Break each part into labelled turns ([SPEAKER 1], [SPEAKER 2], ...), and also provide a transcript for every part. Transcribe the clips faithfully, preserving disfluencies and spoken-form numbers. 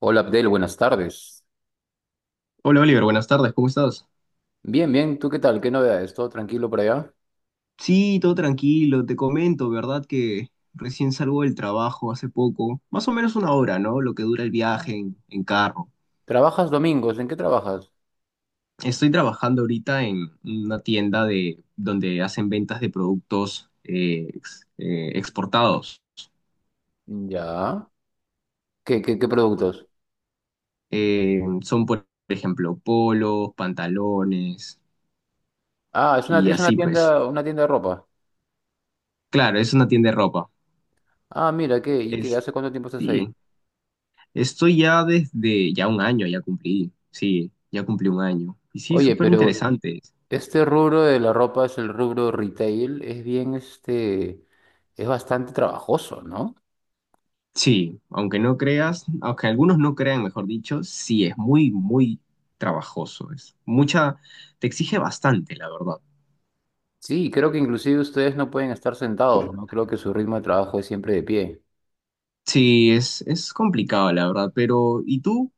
[SPEAKER 1] Hola Abdel, buenas tardes.
[SPEAKER 2] Hola Oliver, buenas tardes, ¿cómo estás?
[SPEAKER 1] Bien, bien, ¿tú qué tal? ¿Qué novedades? ¿Todo tranquilo por allá?
[SPEAKER 2] Sí, todo tranquilo, te comento, ¿verdad? Que recién salgo del trabajo hace poco, más o menos una hora, ¿no? Lo que dura el viaje en, en carro.
[SPEAKER 1] ¿Trabajas domingos? ¿En qué trabajas?
[SPEAKER 2] Estoy trabajando ahorita en una tienda de, donde hacen ventas de productos eh, ex- eh, exportados.
[SPEAKER 1] Ya. ¿Qué, qué, qué productos?
[SPEAKER 2] Eh, son, por ejemplo, polos, pantalones
[SPEAKER 1] Ah, es una,
[SPEAKER 2] y
[SPEAKER 1] es una
[SPEAKER 2] así pues.
[SPEAKER 1] tienda, una tienda de ropa.
[SPEAKER 2] Claro, es una tienda de ropa.
[SPEAKER 1] Ah, mira, ¿qué? ¿Y qué?
[SPEAKER 2] Es,
[SPEAKER 1] ¿Hace cuánto tiempo estás ahí?
[SPEAKER 2] sí. Esto ya desde ya un año, ya cumplí, sí, ya cumplí un año. Y sí,
[SPEAKER 1] Oye,
[SPEAKER 2] súper
[SPEAKER 1] pero
[SPEAKER 2] interesante.
[SPEAKER 1] este rubro de la ropa es el rubro retail, es bien este, es bastante trabajoso, ¿no?
[SPEAKER 2] Sí, aunque no creas, aunque algunos no crean, mejor dicho, sí, es muy, muy trabajoso. Es mucha, te exige bastante, la verdad.
[SPEAKER 1] Sí, creo que inclusive ustedes no pueden estar sentados, ¿no? Creo que su ritmo de trabajo es siempre de pie.
[SPEAKER 2] Sí, es, es complicado, la verdad, pero ¿y tú?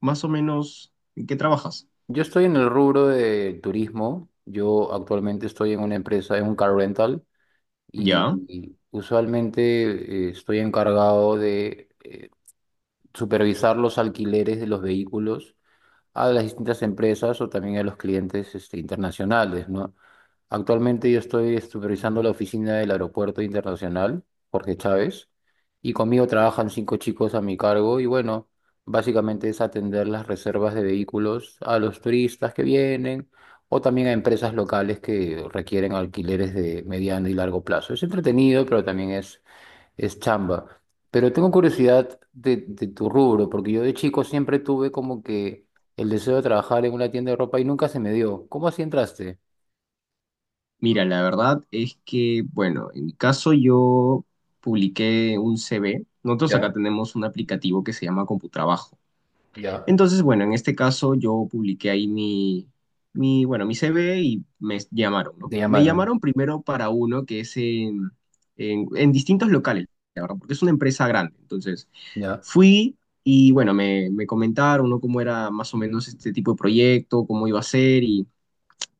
[SPEAKER 2] Más o menos, ¿en qué trabajas?
[SPEAKER 1] Yo estoy en el rubro de turismo. Yo actualmente estoy en una empresa, en un car rental, y,
[SPEAKER 2] Ya.
[SPEAKER 1] y usualmente eh, estoy encargado de eh, supervisar los alquileres de los vehículos a las distintas empresas o también a los clientes este, internacionales, ¿no? Actualmente yo estoy supervisando la oficina del Aeropuerto Internacional Jorge Chávez, y conmigo trabajan cinco chicos a mi cargo y bueno, básicamente es atender las reservas de vehículos a los turistas que vienen o también a empresas locales que requieren alquileres de mediano y largo plazo. Es entretenido, pero también es es chamba. Pero tengo curiosidad de, de tu rubro, porque yo de chico siempre tuve como que el deseo de trabajar en una tienda de ropa y nunca se me dio. ¿Cómo así entraste?
[SPEAKER 2] Mira, la verdad es que, bueno, en mi caso yo publiqué un C V. Nosotros acá
[SPEAKER 1] Ya,
[SPEAKER 2] tenemos un aplicativo que se llama CompuTrabajo.
[SPEAKER 1] ya.
[SPEAKER 2] Entonces, bueno, en este caso yo publiqué ahí mi, mi, bueno, mi C V y me llamaron, ¿no?
[SPEAKER 1] Te
[SPEAKER 2] Me
[SPEAKER 1] llamaron,
[SPEAKER 2] llamaron primero para uno que es en, en, en distintos locales, la verdad, porque es una empresa grande. Entonces,
[SPEAKER 1] ya.
[SPEAKER 2] fui y, bueno, me, me comentaron, ¿no? Cómo era más o menos este tipo de proyecto, cómo iba a ser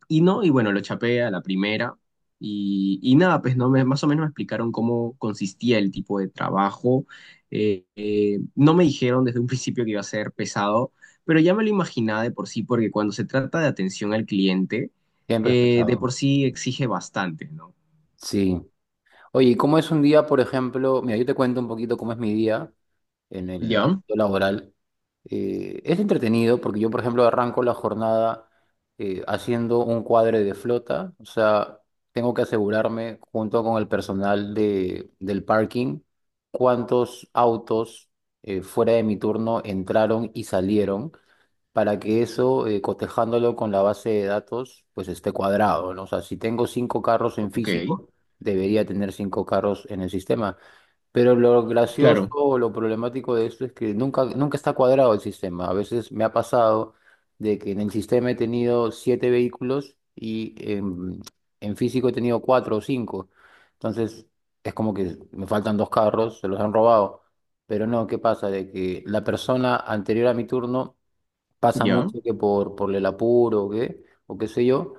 [SPEAKER 2] y no, y bueno, lo chapé a la primera. Y, y nada, pues no, me, más o menos me explicaron cómo consistía el tipo de trabajo. Eh, eh, no me dijeron desde un principio que iba a ser pesado, pero ya me lo imaginaba de por sí, porque cuando se trata de atención al cliente,
[SPEAKER 1] Siempre es
[SPEAKER 2] eh, de
[SPEAKER 1] pesado.
[SPEAKER 2] por sí exige bastante, ¿no?
[SPEAKER 1] Sí. Oye, ¿y cómo es un día, por ejemplo? Mira, yo te cuento un poquito cómo es mi día en el
[SPEAKER 2] Ya,
[SPEAKER 1] ámbito laboral. Eh, es entretenido porque yo, por ejemplo, arranco la jornada eh, haciendo un cuadre de flota, o sea, tengo que asegurarme junto con el personal de, del parking cuántos autos eh, fuera de mi turno entraron y salieron para que eso, eh, cotejándolo con la base de datos, pues esté cuadrado, ¿no? O sea, si tengo cinco carros en
[SPEAKER 2] ok,
[SPEAKER 1] físico, debería tener cinco carros en el sistema. Pero lo gracioso
[SPEAKER 2] claro,
[SPEAKER 1] o lo problemático de esto es que nunca, nunca está cuadrado el sistema. A veces me ha pasado de que en el sistema he tenido siete vehículos y en, en físico he tenido cuatro o cinco. Entonces es como que me faltan dos carros, se los han robado. Pero no, ¿qué pasa? De que la persona anterior a mi turno. Pasa
[SPEAKER 2] ya.
[SPEAKER 1] mucho que por, por el apuro o qué, o qué sé yo,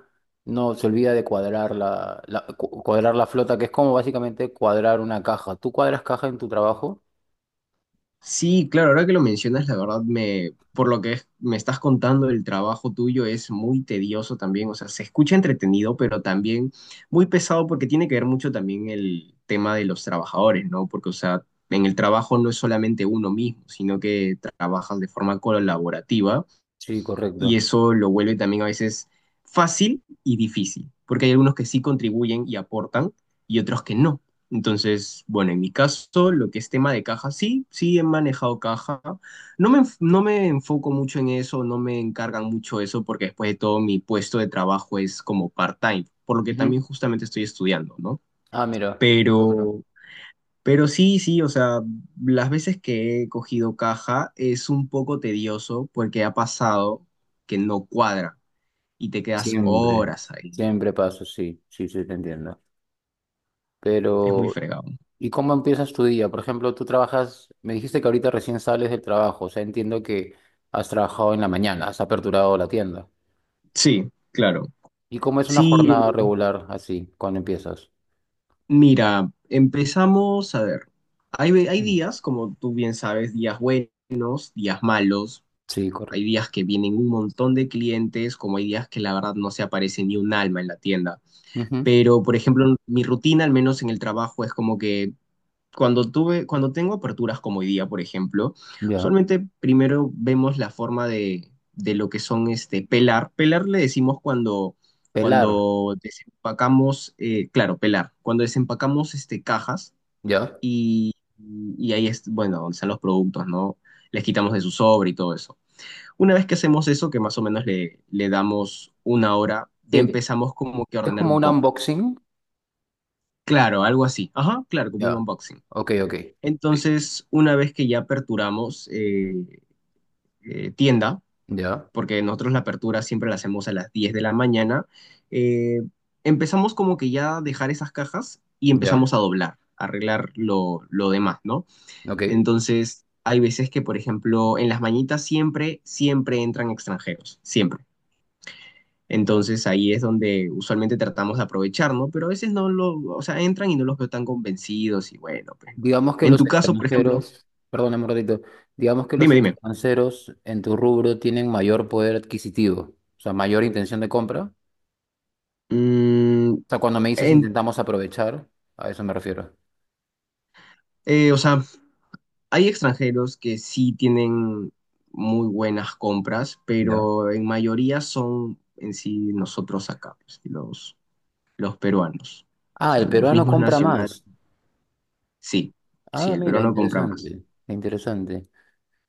[SPEAKER 1] no se olvida de cuadrar la, la- cu- cuadrar la flota, que es como básicamente cuadrar una caja. ¿Tú cuadras caja en tu trabajo?
[SPEAKER 2] Sí, claro, ahora que lo mencionas, la verdad me, por lo que es- me estás contando, el trabajo tuyo es muy tedioso también, o sea, se escucha entretenido, pero también muy pesado porque tiene que ver mucho también el tema de los trabajadores, ¿no? Porque, o sea, en el trabajo no es solamente uno mismo, sino que trabajas de forma colaborativa
[SPEAKER 1] Sí,
[SPEAKER 2] y
[SPEAKER 1] correcto.
[SPEAKER 2] eso lo vuelve también a veces fácil y difícil, porque hay algunos que sí contribuyen y aportan y otros que no. Entonces, bueno, en mi caso, lo que es tema de caja, sí, sí he manejado caja. No me, enf- no me enfoco mucho en eso, no me encargan mucho eso, porque después de todo mi puesto de trabajo es como part-time, por lo que también
[SPEAKER 1] Ujú.
[SPEAKER 2] justamente estoy estudiando, ¿no?
[SPEAKER 1] Ah, mira, bueno.
[SPEAKER 2] Pero pero sí, sí, o sea, las veces que he cogido caja es un poco tedioso porque ha pasado que no cuadra y te quedas
[SPEAKER 1] Siempre.
[SPEAKER 2] horas ahí.
[SPEAKER 1] Siempre pasa, sí, sí, sí, te entiendo.
[SPEAKER 2] Es muy
[SPEAKER 1] Pero,
[SPEAKER 2] fregado.
[SPEAKER 1] ¿y cómo empiezas tu día? Por ejemplo, tú trabajas, me dijiste que ahorita recién sales del trabajo, o sea, entiendo que has trabajado en la mañana, has aperturado la tienda.
[SPEAKER 2] Sí, claro.
[SPEAKER 1] ¿Y cómo es una
[SPEAKER 2] Sí,
[SPEAKER 1] jornada regular así, cuando empiezas?
[SPEAKER 2] mira, empezamos a ver. Hay, ve- hay días, como tú bien sabes, días buenos, días malos.
[SPEAKER 1] Sí, correcto.
[SPEAKER 2] Hay días que vienen un montón de clientes, como hay días que la verdad no se aparece ni un alma en la tienda.
[SPEAKER 1] Ujú.
[SPEAKER 2] Pero, por ejemplo, mi rutina, al menos en el trabajo, es como que Cuando tuve, cuando tengo aperturas como hoy día, por ejemplo,
[SPEAKER 1] Ya.
[SPEAKER 2] usualmente primero vemos la forma de, de lo que son este pelar. Pelar le decimos cuando,
[SPEAKER 1] Pelar.
[SPEAKER 2] cuando desempacamos, eh, claro, pelar, cuando desempacamos este, cajas
[SPEAKER 1] Ya.
[SPEAKER 2] y, y ahí es, bueno, donde están los productos, ¿no? Les quitamos de su sobre y todo eso. Una vez que hacemos eso, que más o menos le, le damos una hora, ya
[SPEAKER 1] Sí,
[SPEAKER 2] empezamos como que a
[SPEAKER 1] es
[SPEAKER 2] ordenar
[SPEAKER 1] como
[SPEAKER 2] un
[SPEAKER 1] un
[SPEAKER 2] poco.
[SPEAKER 1] unboxing.
[SPEAKER 2] Claro, algo así. Ajá, claro, como un
[SPEAKER 1] Ya.
[SPEAKER 2] unboxing.
[SPEAKER 1] Ok, ok. Sí.
[SPEAKER 2] Entonces, una vez que ya aperturamos eh, eh, tienda,
[SPEAKER 1] Ya.
[SPEAKER 2] porque nosotros la apertura siempre la hacemos a las diez de la mañana, eh, empezamos como que ya a dejar esas cajas y empezamos
[SPEAKER 1] Ya.
[SPEAKER 2] a doblar, a arreglar lo, lo demás, ¿no?
[SPEAKER 1] Ok.
[SPEAKER 2] Entonces, hay veces que, por ejemplo, en las mañitas siempre, siempre entran extranjeros, siempre. Entonces ahí es donde usualmente tratamos de aprovechar, ¿no? Pero a veces no lo, o sea, entran y no los veo tan convencidos y bueno, pues no.
[SPEAKER 1] Digamos que
[SPEAKER 2] En
[SPEAKER 1] los
[SPEAKER 2] tu caso, por ejemplo,
[SPEAKER 1] extranjeros, perdón, un ratito. Digamos que los
[SPEAKER 2] dime, dime.
[SPEAKER 1] extranjeros en tu rubro tienen mayor poder adquisitivo, o sea, mayor intención de compra. O
[SPEAKER 2] Mm,
[SPEAKER 1] sea, cuando me dices
[SPEAKER 2] en-
[SPEAKER 1] intentamos aprovechar, a eso me refiero.
[SPEAKER 2] eh, o sea, hay extranjeros que sí tienen muy buenas compras,
[SPEAKER 1] Ya.
[SPEAKER 2] pero en mayoría son en sí nosotros acá, pues, los, los peruanos. O
[SPEAKER 1] Ah,
[SPEAKER 2] sea,
[SPEAKER 1] el
[SPEAKER 2] los
[SPEAKER 1] peruano
[SPEAKER 2] mismos
[SPEAKER 1] compra
[SPEAKER 2] nacionales.
[SPEAKER 1] más.
[SPEAKER 2] Sí, sí,
[SPEAKER 1] Ah,
[SPEAKER 2] el
[SPEAKER 1] mira,
[SPEAKER 2] peruano compra más.
[SPEAKER 1] interesante. Interesante.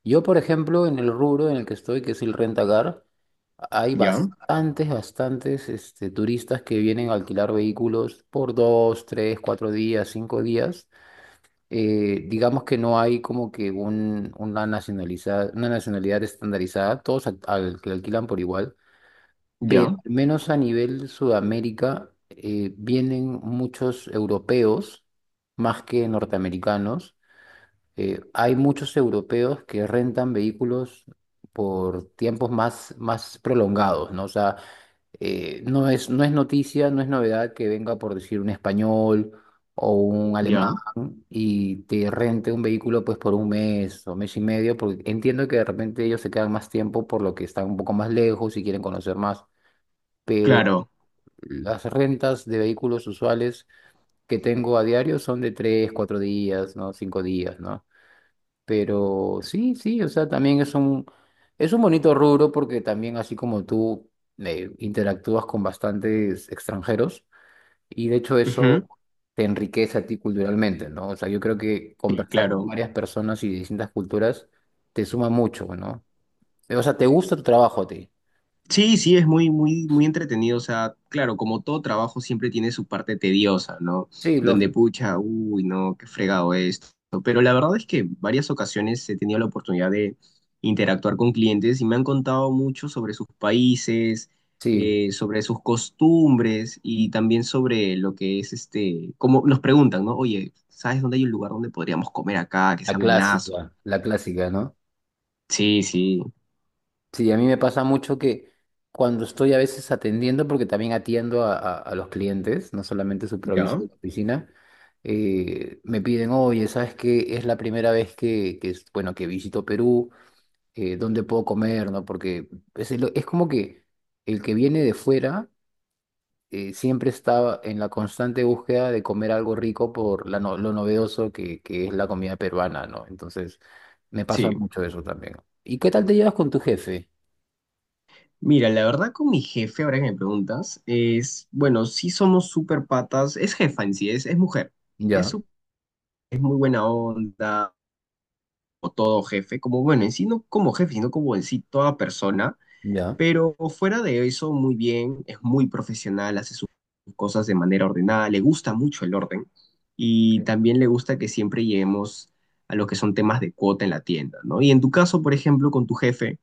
[SPEAKER 1] Yo, por ejemplo, en el rubro en el que estoy, que es el rentacar, hay
[SPEAKER 2] Ya,
[SPEAKER 1] bastantes, bastantes este, turistas que vienen a alquilar vehículos por dos, tres, cuatro días, cinco días. Eh, digamos que no hay como que un, una nacionaliza una nacionalidad estandarizada, todos al, al- que alquilan por igual, pero
[SPEAKER 2] ya,
[SPEAKER 1] al menos a nivel Sudamérica eh, vienen muchos europeos más que norteamericanos. Eh, hay muchos europeos que rentan vehículos por tiempos más, más prolongados, ¿no? O sea, eh, no es, no es noticia, no es novedad que venga, por decir, un español o un alemán
[SPEAKER 2] ya.
[SPEAKER 1] y te rente un vehículo pues por un mes o mes y medio, porque entiendo que de repente ellos se quedan más tiempo por lo que están un poco más lejos y quieren conocer más, pero
[SPEAKER 2] Claro.
[SPEAKER 1] las rentas de vehículos usuales que tengo a diario son de tres, cuatro días, ¿no? Cinco días, ¿no? Pero sí, sí, o sea, también es un, es un bonito rubro porque también así como tú eh, interactúas con bastantes extranjeros y de hecho eso
[SPEAKER 2] Ujú.
[SPEAKER 1] te enriquece a ti culturalmente, ¿no? O sea, yo creo que
[SPEAKER 2] Sí,
[SPEAKER 1] conversar con
[SPEAKER 2] claro.
[SPEAKER 1] varias personas y de distintas culturas te suma mucho, ¿no? O sea, te gusta tu trabajo a ti.
[SPEAKER 2] Sí, sí, es muy, muy, muy entretenido. O sea, claro, como todo trabajo siempre tiene su parte tediosa, ¿no?
[SPEAKER 1] Sí,
[SPEAKER 2] Donde
[SPEAKER 1] lógico.
[SPEAKER 2] pucha, uy, no, qué fregado esto. Pero la verdad es que varias ocasiones he tenido la oportunidad de interactuar con clientes y me han contado mucho sobre sus países,
[SPEAKER 1] Sí,
[SPEAKER 2] eh, sobre sus costumbres y también sobre lo que es este, como nos preguntan, ¿no? Oye, ¿sabes dónde hay un lugar donde podríamos comer acá, que
[SPEAKER 1] la
[SPEAKER 2] sea buenazo?
[SPEAKER 1] clásica, la clásica, ¿no?
[SPEAKER 2] Sí, sí.
[SPEAKER 1] Sí, a mí me pasa mucho que cuando estoy a veces atendiendo, porque también atiendo a, a- a los clientes, no solamente superviso
[SPEAKER 2] ¿Ya?
[SPEAKER 1] la oficina, eh, me piden, oye, ¿sabes qué? Es la primera vez que, que es, bueno, que visito Perú, eh, ¿dónde puedo comer? ¿No? Porque es, el- es como que el que viene de fuera eh, siempre está en la constante búsqueda de comer algo rico por la no- lo novedoso que, que es la comida peruana, ¿no? Entonces, me pasa
[SPEAKER 2] Sí.
[SPEAKER 1] mucho eso también. ¿Y qué tal te llevas con tu jefe?
[SPEAKER 2] Mira, la verdad con mi jefe, ahora que me preguntas, es, bueno, sí somos súper patas, es jefa en sí, es, es mujer, es,
[SPEAKER 1] Ya.
[SPEAKER 2] su- es muy buena onda, o todo jefe, como, bueno, en sí no como jefe, sino como en sí toda persona,
[SPEAKER 1] Ya.
[SPEAKER 2] pero fuera de eso, muy bien, es muy profesional, hace sus cosas de manera ordenada, le gusta mucho el orden, y
[SPEAKER 1] ¿Sí?
[SPEAKER 2] también le gusta que siempre lleguemos a lo que son temas de cuota en la tienda, ¿no? Y en tu caso, por ejemplo, con tu jefe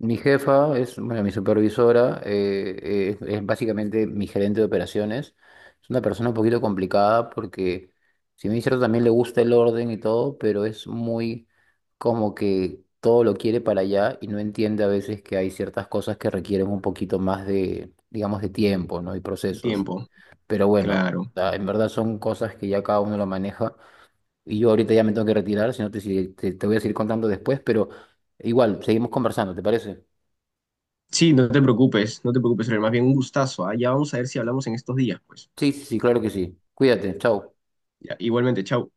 [SPEAKER 1] Mi jefa es, bueno, mi supervisora, eh, es, es básicamente mi gerente de operaciones. Es una persona un poquito complicada porque, si bien es cierto, también le gusta el orden y todo, pero es muy como que todo lo quiere para allá y no entiende a veces que hay ciertas cosas que requieren un poquito más de, digamos, de tiempo, ¿no? Y
[SPEAKER 2] de
[SPEAKER 1] procesos.
[SPEAKER 2] tiempo,
[SPEAKER 1] Pero bueno,
[SPEAKER 2] claro.
[SPEAKER 1] la- en verdad son cosas que ya cada uno lo maneja. Y yo ahorita ya me tengo que retirar, si no te, sigue- te, te voy a seguir contando después, pero igual, seguimos conversando, ¿te parece?
[SPEAKER 2] Sí, no te preocupes, no te preocupes, pero más bien un gustazo, ¿ah? Ya vamos a ver si hablamos en estos días, pues.
[SPEAKER 1] Sí, sí, sí, claro que sí. Cuídate, chao.
[SPEAKER 2] Ya, igualmente, chau.